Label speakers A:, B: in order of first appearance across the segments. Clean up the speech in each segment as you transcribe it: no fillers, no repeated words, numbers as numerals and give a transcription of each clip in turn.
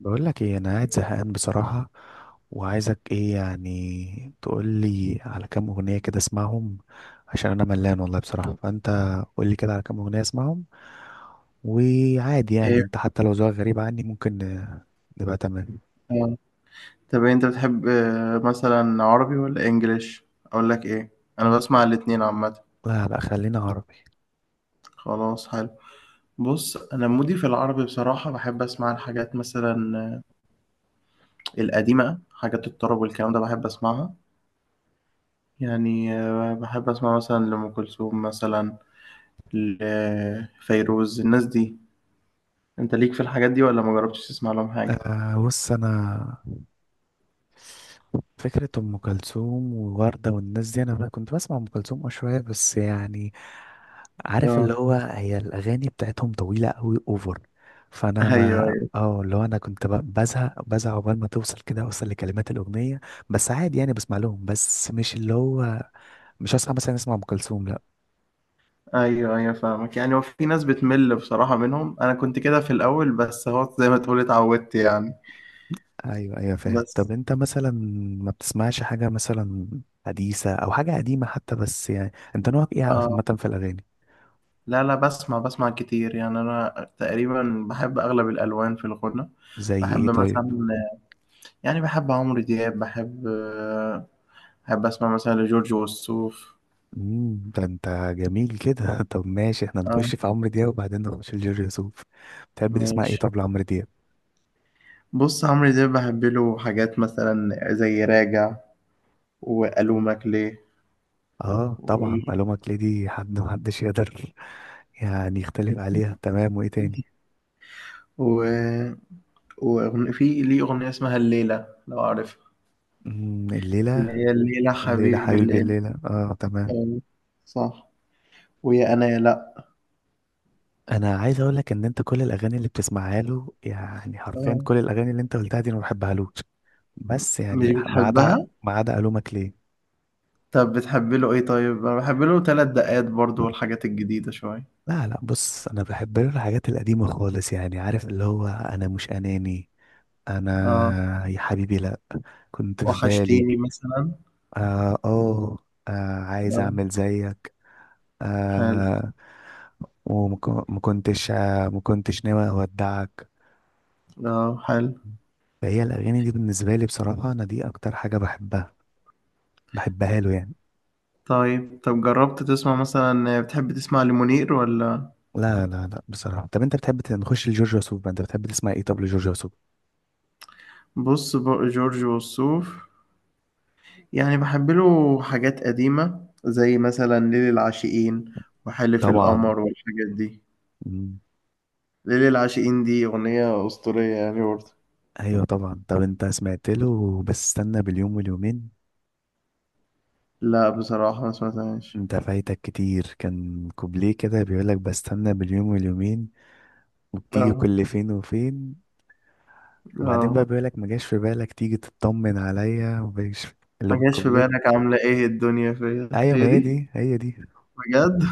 A: بقول لك ايه، انا قاعد زهقان بصراحة، وعايزك ايه يعني؟ تقول لي على كام اغنية كده اسمعهم، عشان انا ملان والله بصراحة. فانت قول لي كده على كام اغنية اسمعهم. وعادي يعني
B: ايه.
A: انت حتى لو ذوقك غريب عني ممكن نبقى تمام.
B: آه. طب انت بتحب مثلا عربي ولا انجليش اقول لك ايه؟ انا
A: مم.
B: بسمع الاتنين عامه.
A: لا، لا، خلينا عربي.
B: خلاص حلو. بص انا مودي في العربي بصراحه، بحب اسمع الحاجات مثلا آه، القديمه، حاجات الطرب والكلام ده بحب اسمعها. يعني بحب اسمع مثلا لأم كلثوم مثلا، لفيروز، الناس دي. انت ليك في الحاجات دي ولا ما جربتش تسمع لهم حاجه؟
A: آه بص انا، فكرة أم كلثوم ووردة والناس دي، أنا بقى كنت بسمع أم كلثوم أه شوية، بس يعني عارف
B: اه.
A: اللي هو، هي الأغاني بتاعتهم طويلة أوي أوفر. فأنا ما
B: ايوه،
A: اه اللي هو أنا كنت بزهق بزهق عقبال ما توصل كده، أوصل لكلمات الأغنية. بس عادي يعني بسمع لهم، بس مش اللي هو، مش هصحى مثلا أسمع أم كلثوم لأ.
B: ايوه، ايوه، فاهمك. يعني هو في ناس بتمل بصراحة منهم، انا كنت كده في الاول، بس هو زي ما تقول اتعودت يعني.
A: أيوه أيوه فاهم.
B: بس.
A: طب أنت مثلا ما بتسمعش حاجة مثلا حديثة أو حاجة قديمة حتى؟ بس يعني أنت نوعك إيه
B: اه.
A: عامة في الأغاني؟
B: لا، لا، بسمع كتير يعني، انا تقريبا بحب اغلب الالوان في الغنى.
A: زي إيه
B: بحب
A: طيب؟
B: مثلا، يعني بحب عمرو دياب، بحب. بحب اسمع مثلا لجورج وسوف.
A: ده انت جميل كده. طب ماشي، احنا
B: اه،
A: نخش في عمرو دياب وبعدين نخش في جورج وسوف. بتحب تسمع ايه
B: ماشي.
A: طب لعمرو دياب؟
B: بص عمرو دياب بحب له حاجات مثلا زي راجع، والومك ليه
A: اه
B: و...
A: طبعا، الومك ليدي حد محدش يقدر يعني يختلف عليها، تمام. وايه تاني؟
B: و... في ليه أغنية اسمها الليلة لو عارفها، اللي
A: الليلة؟
B: هي الليلة
A: الليلة
B: حبيبي
A: حبيبي
B: الليلة.
A: الليلة، اه تمام.
B: آه. صح. ويا أنا يا لأ.
A: انا عايز اقول لك ان انت كل الاغاني اللي بتسمعها له، يعني حرفيا
B: آه.
A: كل الاغاني اللي انت قلتها دي انا ما بحبهالوش. بس
B: مش
A: يعني ما عدا،
B: بتحبها؟
A: ما عدا الومك ليه.
B: طب بتحب له إيه طيب؟ أنا بحب له تلات دقات برضو والحاجات الجديدة شوية.
A: لا، لا، بص انا بحب الحاجات القديمه خالص يعني، عارف اللي هو انا مش اناني.
B: آه.
A: انا يا حبيبي لا، كنت في بالي.
B: وحشتيني مثلا.
A: اه اه. آه، عايز
B: آه،
A: اعمل زيك.
B: حلو.
A: آه. وما كنتش آه ما كنتش ناوي اودعك.
B: آه، حلو.
A: فهي الاغاني دي بالنسبه لي بصراحه، انا دي اكتر حاجه بحبها، بحبها له يعني.
B: طيب، طب جربت تسمع مثلا، بتحب تسمع لمنير ولا؟
A: لا، لا، لا، بصراحه. طب انت بتحب نخش لجورج وسوف بقى، انت بتحب تسمع ايه طب لجورج وسوف؟
B: بص بقى جورج وسوف، يعني بحب له حاجات قديمة زي مثلا ليل العاشقين، وحلف
A: طبعا.
B: القمر والحاجات دي. ليل العاشقين دي أغنية أسطورية يعني برضه.
A: ايوه طبعا. طب انت سمعت له بس استنى باليوم واليومين؟
B: لا بصراحة ما سمعتهاش.
A: انت فايتك كتير. كان كوبليه كده بيقولك بستنى باليوم واليومين وبتيجي
B: اه،
A: كل فين وفين. وبعدين بقى
B: اه.
A: بيقولك ما جاش في بالك تيجي تطمن عليا، ومجاش في-، اللي
B: ما
A: هو
B: جاش في
A: الكوبليه.
B: بالك عاملة ايه الدنيا فيا،
A: ايوه، ما
B: هي
A: هي
B: دي.
A: دي، هي دي.
B: بجد.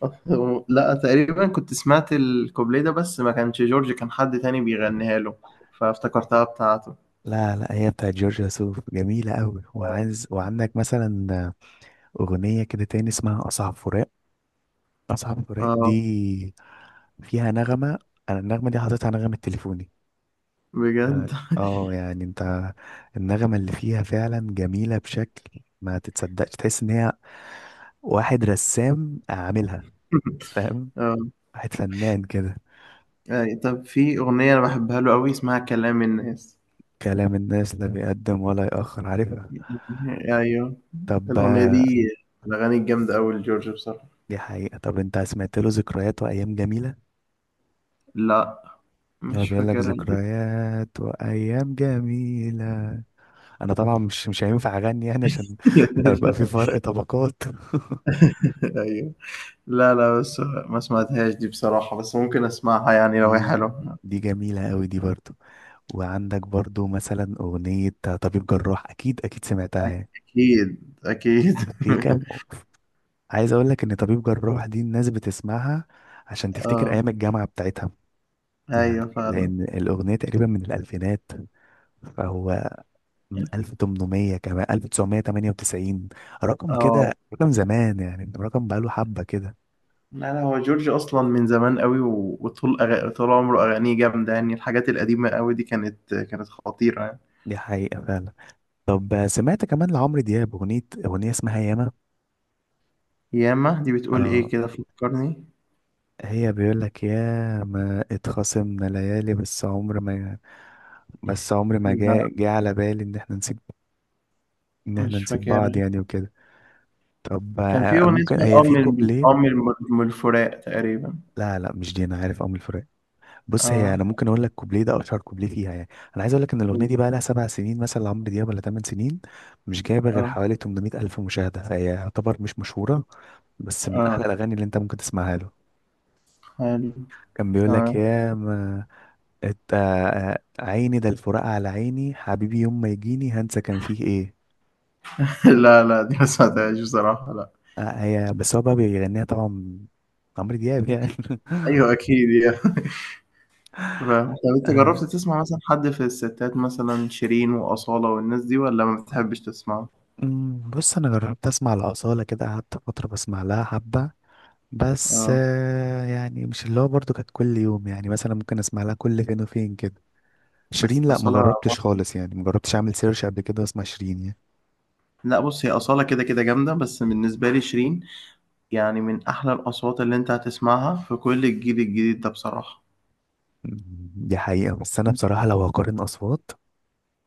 B: لا، تقريبا كنت سمعت الكوبليه ده، بس ما كانش جورج، كان حد تاني بيغنيها له، فافتكرتها بتاعته.
A: لا، لا، هي بتاعت جورج وسوف، جميلة قوي. وعايز، وعندك مثلا أغنية كده تاني اسمها أصعب فراق. أصعب فراق
B: اه،
A: دي فيها نغمة، أنا النغمة دي حاططها نغمة تليفوني.
B: بجد.
A: يعني اه يعني انت، النغمة اللي فيها فعلا جميلة بشكل ما تتصدقش، تحس ان هي واحد رسام عاملها، فاهم؟
B: اه،
A: واحد فنان كده.
B: يعني طب في أغنية أنا بحبها له أوي اسمها كلام الناس.
A: كلام الناس، لا بيقدم ولا يأخر، عارفها.
B: يعني، ايوه.
A: طب
B: الاغنيه
A: آه.
B: دي من الاغاني الجامده قوي لجورج بصراحه.
A: دي حقيقة. طب انت سمعت له ذكريات وأيام جميلة؟
B: لا
A: هو
B: مش
A: بيقول لك
B: فاكرها دي.
A: ذكريات وأيام جميلة. أنا طبعا مش هينفع أغني يعني، عشان هيبقى في فرق طبقات.
B: ايوه. لا، لا، بس ما سمعتهاش دي بصراحه، بس ممكن اسمعها يعني لو هي
A: دي
B: حلوه.
A: دي جميلة أوي دي برضه. وعندك برضو مثلا أغنية طبيب جراح، أكيد أكيد سمعتها يعني.
B: اكيد، اكيد.
A: في كام، عايز أقول لك إن طبيب جراح دي الناس بتسمعها عشان تفتكر
B: اه،
A: أيام الجامعة بتاعتها، يعني
B: ايوه فعلا.
A: لأن الأغنية تقريبا من الألفينات. فهو من 1800 كمان 1998، رقم
B: اه،
A: كده رقم زمان يعني، رقم بقاله حبة كده.
B: لا، لا، هو جورج اصلا من زمان قوي وطول طول عمره اغانيه جامده، يعني الحاجات القديمه قوي دي كانت خطيره يعني.
A: دي حقيقة فعلا. طب سمعت كمان لعمرو دياب أغنية اسمها ياما؟
B: ياما دي بتقول
A: اه،
B: ايه كده، فكرني.
A: هي بيقول لك يا ما اتخاصمنا ليالي، بس عمر ما، بس عمر ما
B: لا
A: جاء جه على بالي ان احنا
B: مش
A: نسيب
B: فاكر.
A: بعض يعني وكده. طب
B: كان في
A: آه،
B: أغنية
A: ممكن
B: اسمها
A: هي في
B: الأم الم
A: كوبليه.
B: الأم الم الم- الفراق تقريبا.
A: لا، لا، مش دي، انا عارف ام الفراق. بص، هي
B: آه،
A: انا ممكن اقول لك كوبليه ده اشهر كوبليه فيها يعني. انا عايز اقول لك ان الاغنيه دي بقى لها 7 سنين مثلا لعمرو دياب ولا 8 سنين. مش جايبه غير
B: آه،
A: حوالي 800 الف مشاهده، فهي يعتبر مش مشهوره. بس من احلى
B: آه،
A: الاغاني اللي انت ممكن تسمعها له.
B: حلو.
A: كان بيقول لك
B: تمام.
A: يا ما عيني ده الفراق على عيني حبيبي، يوم ما يجيني هنسى كان فيه ايه.
B: لا، لا، دي ما سمعتهاش بصراحة لأ.
A: آه، هي بس هو بقى بيغنيها طبعا، عمرو دياب يعني.
B: أكيد. أيوه أكيد يعني. فاهم، طب أنت
A: آه.
B: جرّبت تسمع مثلًا حد في الستات، مثلًا شيرين وأصالة والناس دي، والّا ما بتحبش تسمعهم؟
A: بص انا جربت اسمع الاصاله كده، قعدت فتره بسمع لها حبه. بس
B: آه.
A: يعني مش اللي هو برضو كانت كل يوم يعني، مثلا ممكن اسمع لها كل فين وفين كده.
B: بس
A: شيرين لا، ما
B: أصالة،
A: جربتش خالص يعني، ما جربتش اعمل سيرش قبل كده واسمع شيرين يعني.
B: لأ بُص، هي أصالة كده، كده جامدة، بس بالنسبة لي شيرين يعني من أحلى الأصوات اللي أنت هتسمعها في كل الجيل الجديد ده بصراحة.
A: دي حقيقه، بس انا بصراحه لو هقارن اصوات،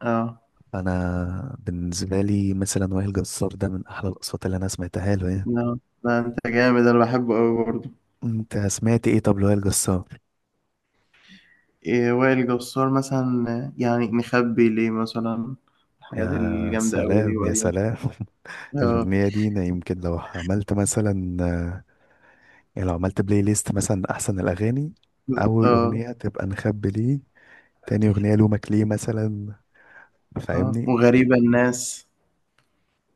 B: آه،
A: انا بالنسبه لي مثلا وائل جسار ده من احلى الاصوات اللي انا سمعتها له يعني.
B: آه. لأ أنت جامد، أنا باحبه أوي برضه.
A: انت سمعت ايه طب لوائل جسار؟
B: إيه، وائل جسار مثلا يعني نخبي ليه مثلا، الحاجات
A: يا
B: الجامدة أوي دي
A: سلام يا
B: وقديمة.
A: سلام.
B: اه،
A: الاغنيه دي انا يمكن لو عملت مثلا، يعني لو عملت بلاي ليست مثلا احسن الاغاني، اول
B: اه،
A: اغنيه تبقى نخبي ليه، تاني اغنيه لومك ليه مثلا،
B: اه.
A: فاهمني؟
B: وغريبة الناس.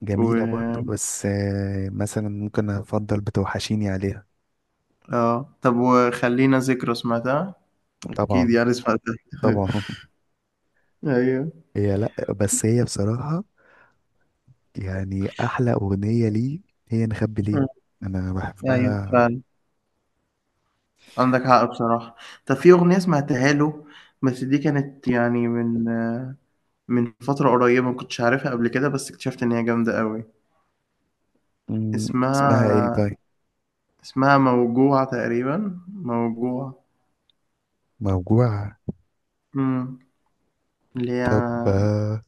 A: جميله برضو،
B: و
A: بس مثلا ممكن افضل بتوحشيني عليها.
B: اه، طب وخلينا ذكرى سمعتها؟ أكيد
A: طبعا
B: يعني سمعتها.
A: طبعا.
B: أيوه.
A: هي لا، بس هي بصراحه يعني احلى اغنيه ليه، هي نخبي ليه،
B: آه،
A: انا
B: أيوه
A: بحبها.
B: فعلا. عندك حق بصراحة. طب في أغنية سمعتها له، بس دي كانت يعني من. من فترة قريبة ما كنتش عارفها قبل كده، بس اكتشفت إن هي جامدة أوي.
A: مم، اسمها ايه
B: اسمها
A: طيب؟
B: اسمها موجوع تقريبا، موجوع.
A: موجوع.
B: امم اللي هي
A: طب آه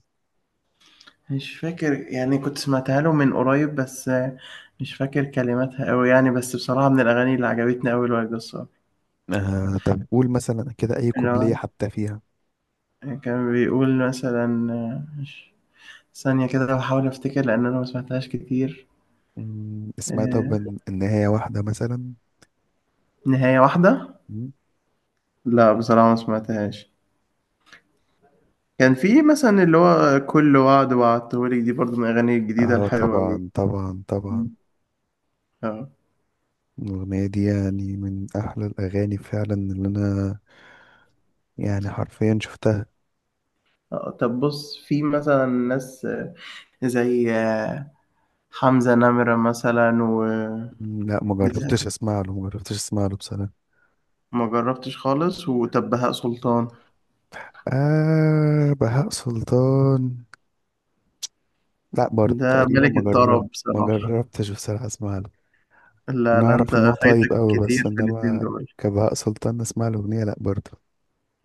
B: مش فاكر يعني، كنت سمعتها له من قريب، بس مش فاكر كلماتها قوي يعني، بس بصراحة من الأغاني اللي عجبتني قوي الواد الصقر.
A: آه، طب قول مثلا كده اي
B: اللي هو
A: كوبليه حتى فيها.
B: كان بيقول مثلا ثانية كده بحاول أفتكر لأن أنا ما سمعتهاش كتير.
A: اسمها طب
B: آه،
A: النهايه واحده مثلا؟
B: نهاية واحدة.
A: مم،
B: لا بصراحة ما سمعتهاش. كان في مثلا اللي هو كل وعد وعدتهولك، دي برضو من الأغاني الجديدة
A: اه
B: الحلوة أوي.
A: طبعا طبعا طبعا.
B: اه.
A: الاغنيه دي يعني من احلى الاغاني فعلا اللي انا، يعني حرفيا شفتها.
B: طب بص في مثلا ناس زي حمزة نمرة مثلا و
A: لا ما
B: بتاع-
A: جربتش اسمع له، ما جربتش اسمع له بصراحه.
B: ما جربتش خالص. وطب بهاء سلطان،
A: آه بهاء سلطان، لا برضه
B: ده
A: تقريبا
B: ملك الطرب
A: ما
B: بصراحة.
A: جربتش بصراحة اسمع له.
B: لا،
A: انا
B: لا، انت
A: اعرف ان هو طيب
B: فايتك
A: قوي،
B: كتير
A: بس
B: في الاتنين
A: انما
B: دول.
A: كبهاء سلطان اسمع له اغنية لا برضه.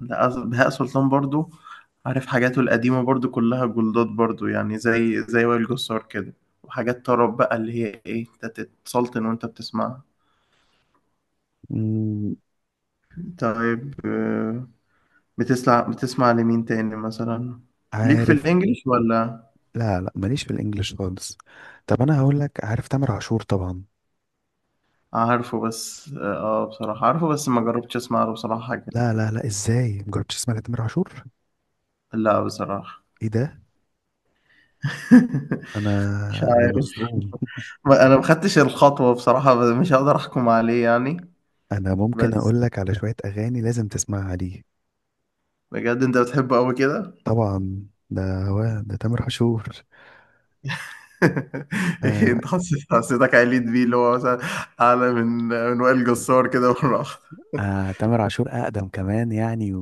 B: لا بهاء سلطان برضو، عارف حاجاته القديمة برضو كلها جلدات برضو، يعني زي وائل جسار كده، وحاجات طرب بقى اللي هي ايه، انت تتسلطن وانت بتسمعها.
A: مم،
B: طيب آه، بتسمع لمين تاني مثلا؟ ليك في
A: عارف.
B: الانجليش ولا؟
A: لا، لا، ماليش في الانجليش خالص. طب انا هقول لك، عارف تامر عاشور طبعا.
B: عارفه بس بصراحة عارفه، بس ما جربتش اسمع له بصراحة حاجة.
A: لا،
B: كده.
A: لا، لا، ازاي مجربتش تسمع لتامر عاشور؟
B: لا بصراحة.
A: ايه ده؟ انا
B: مش
A: انا
B: عارف.
A: مصدوم.
B: انا ما خدتش الخطوة بصراحة، بس مش هقدر احكم عليه يعني.
A: انا ممكن
B: بس
A: اقول لك على شوية اغاني لازم تسمعها ليه.
B: بجد انت بتحبه قوي كده؟
A: طبعا، ده هو ده تامر عاشور.
B: إيه،
A: آه.
B: انت حسيتك عليت بيه، اللي هو مثلا اعلى من وائل جسار كده مرة واحدة.
A: آه تامر عاشور أقدم كمان يعني.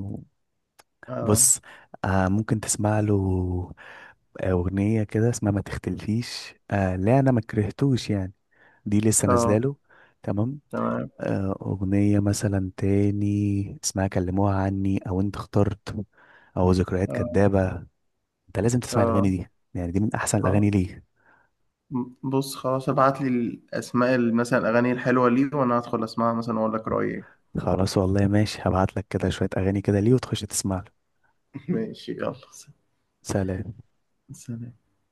B: اه،
A: بص، آه ممكن تسمع له أغنية كده اسمها ما تختلفيش. آه لا، أنا ما كرهتوش يعني، دي لسه نازلة
B: اه،
A: له. تمام.
B: تمام.
A: آه أغنية مثلا تاني اسمها كلموها عني، أو أنت اخترت، أو ذكريات
B: اه،
A: كدابة. أنت لازم تسمع
B: اه.
A: الأغاني دي، يعني دي من أحسن
B: خ-
A: الأغاني ليه.
B: بص خلاص، ابعت لي الاسماء مثلا الاغاني الحلوه ليه، وانا هدخل اسمعها مثلا واقول لك رايي.
A: خلاص والله ماشي، هبعت لك كده شوية أغاني كده ليه وتخش تسمع له.
B: ماشي يلا
A: سلام.
B: سلام.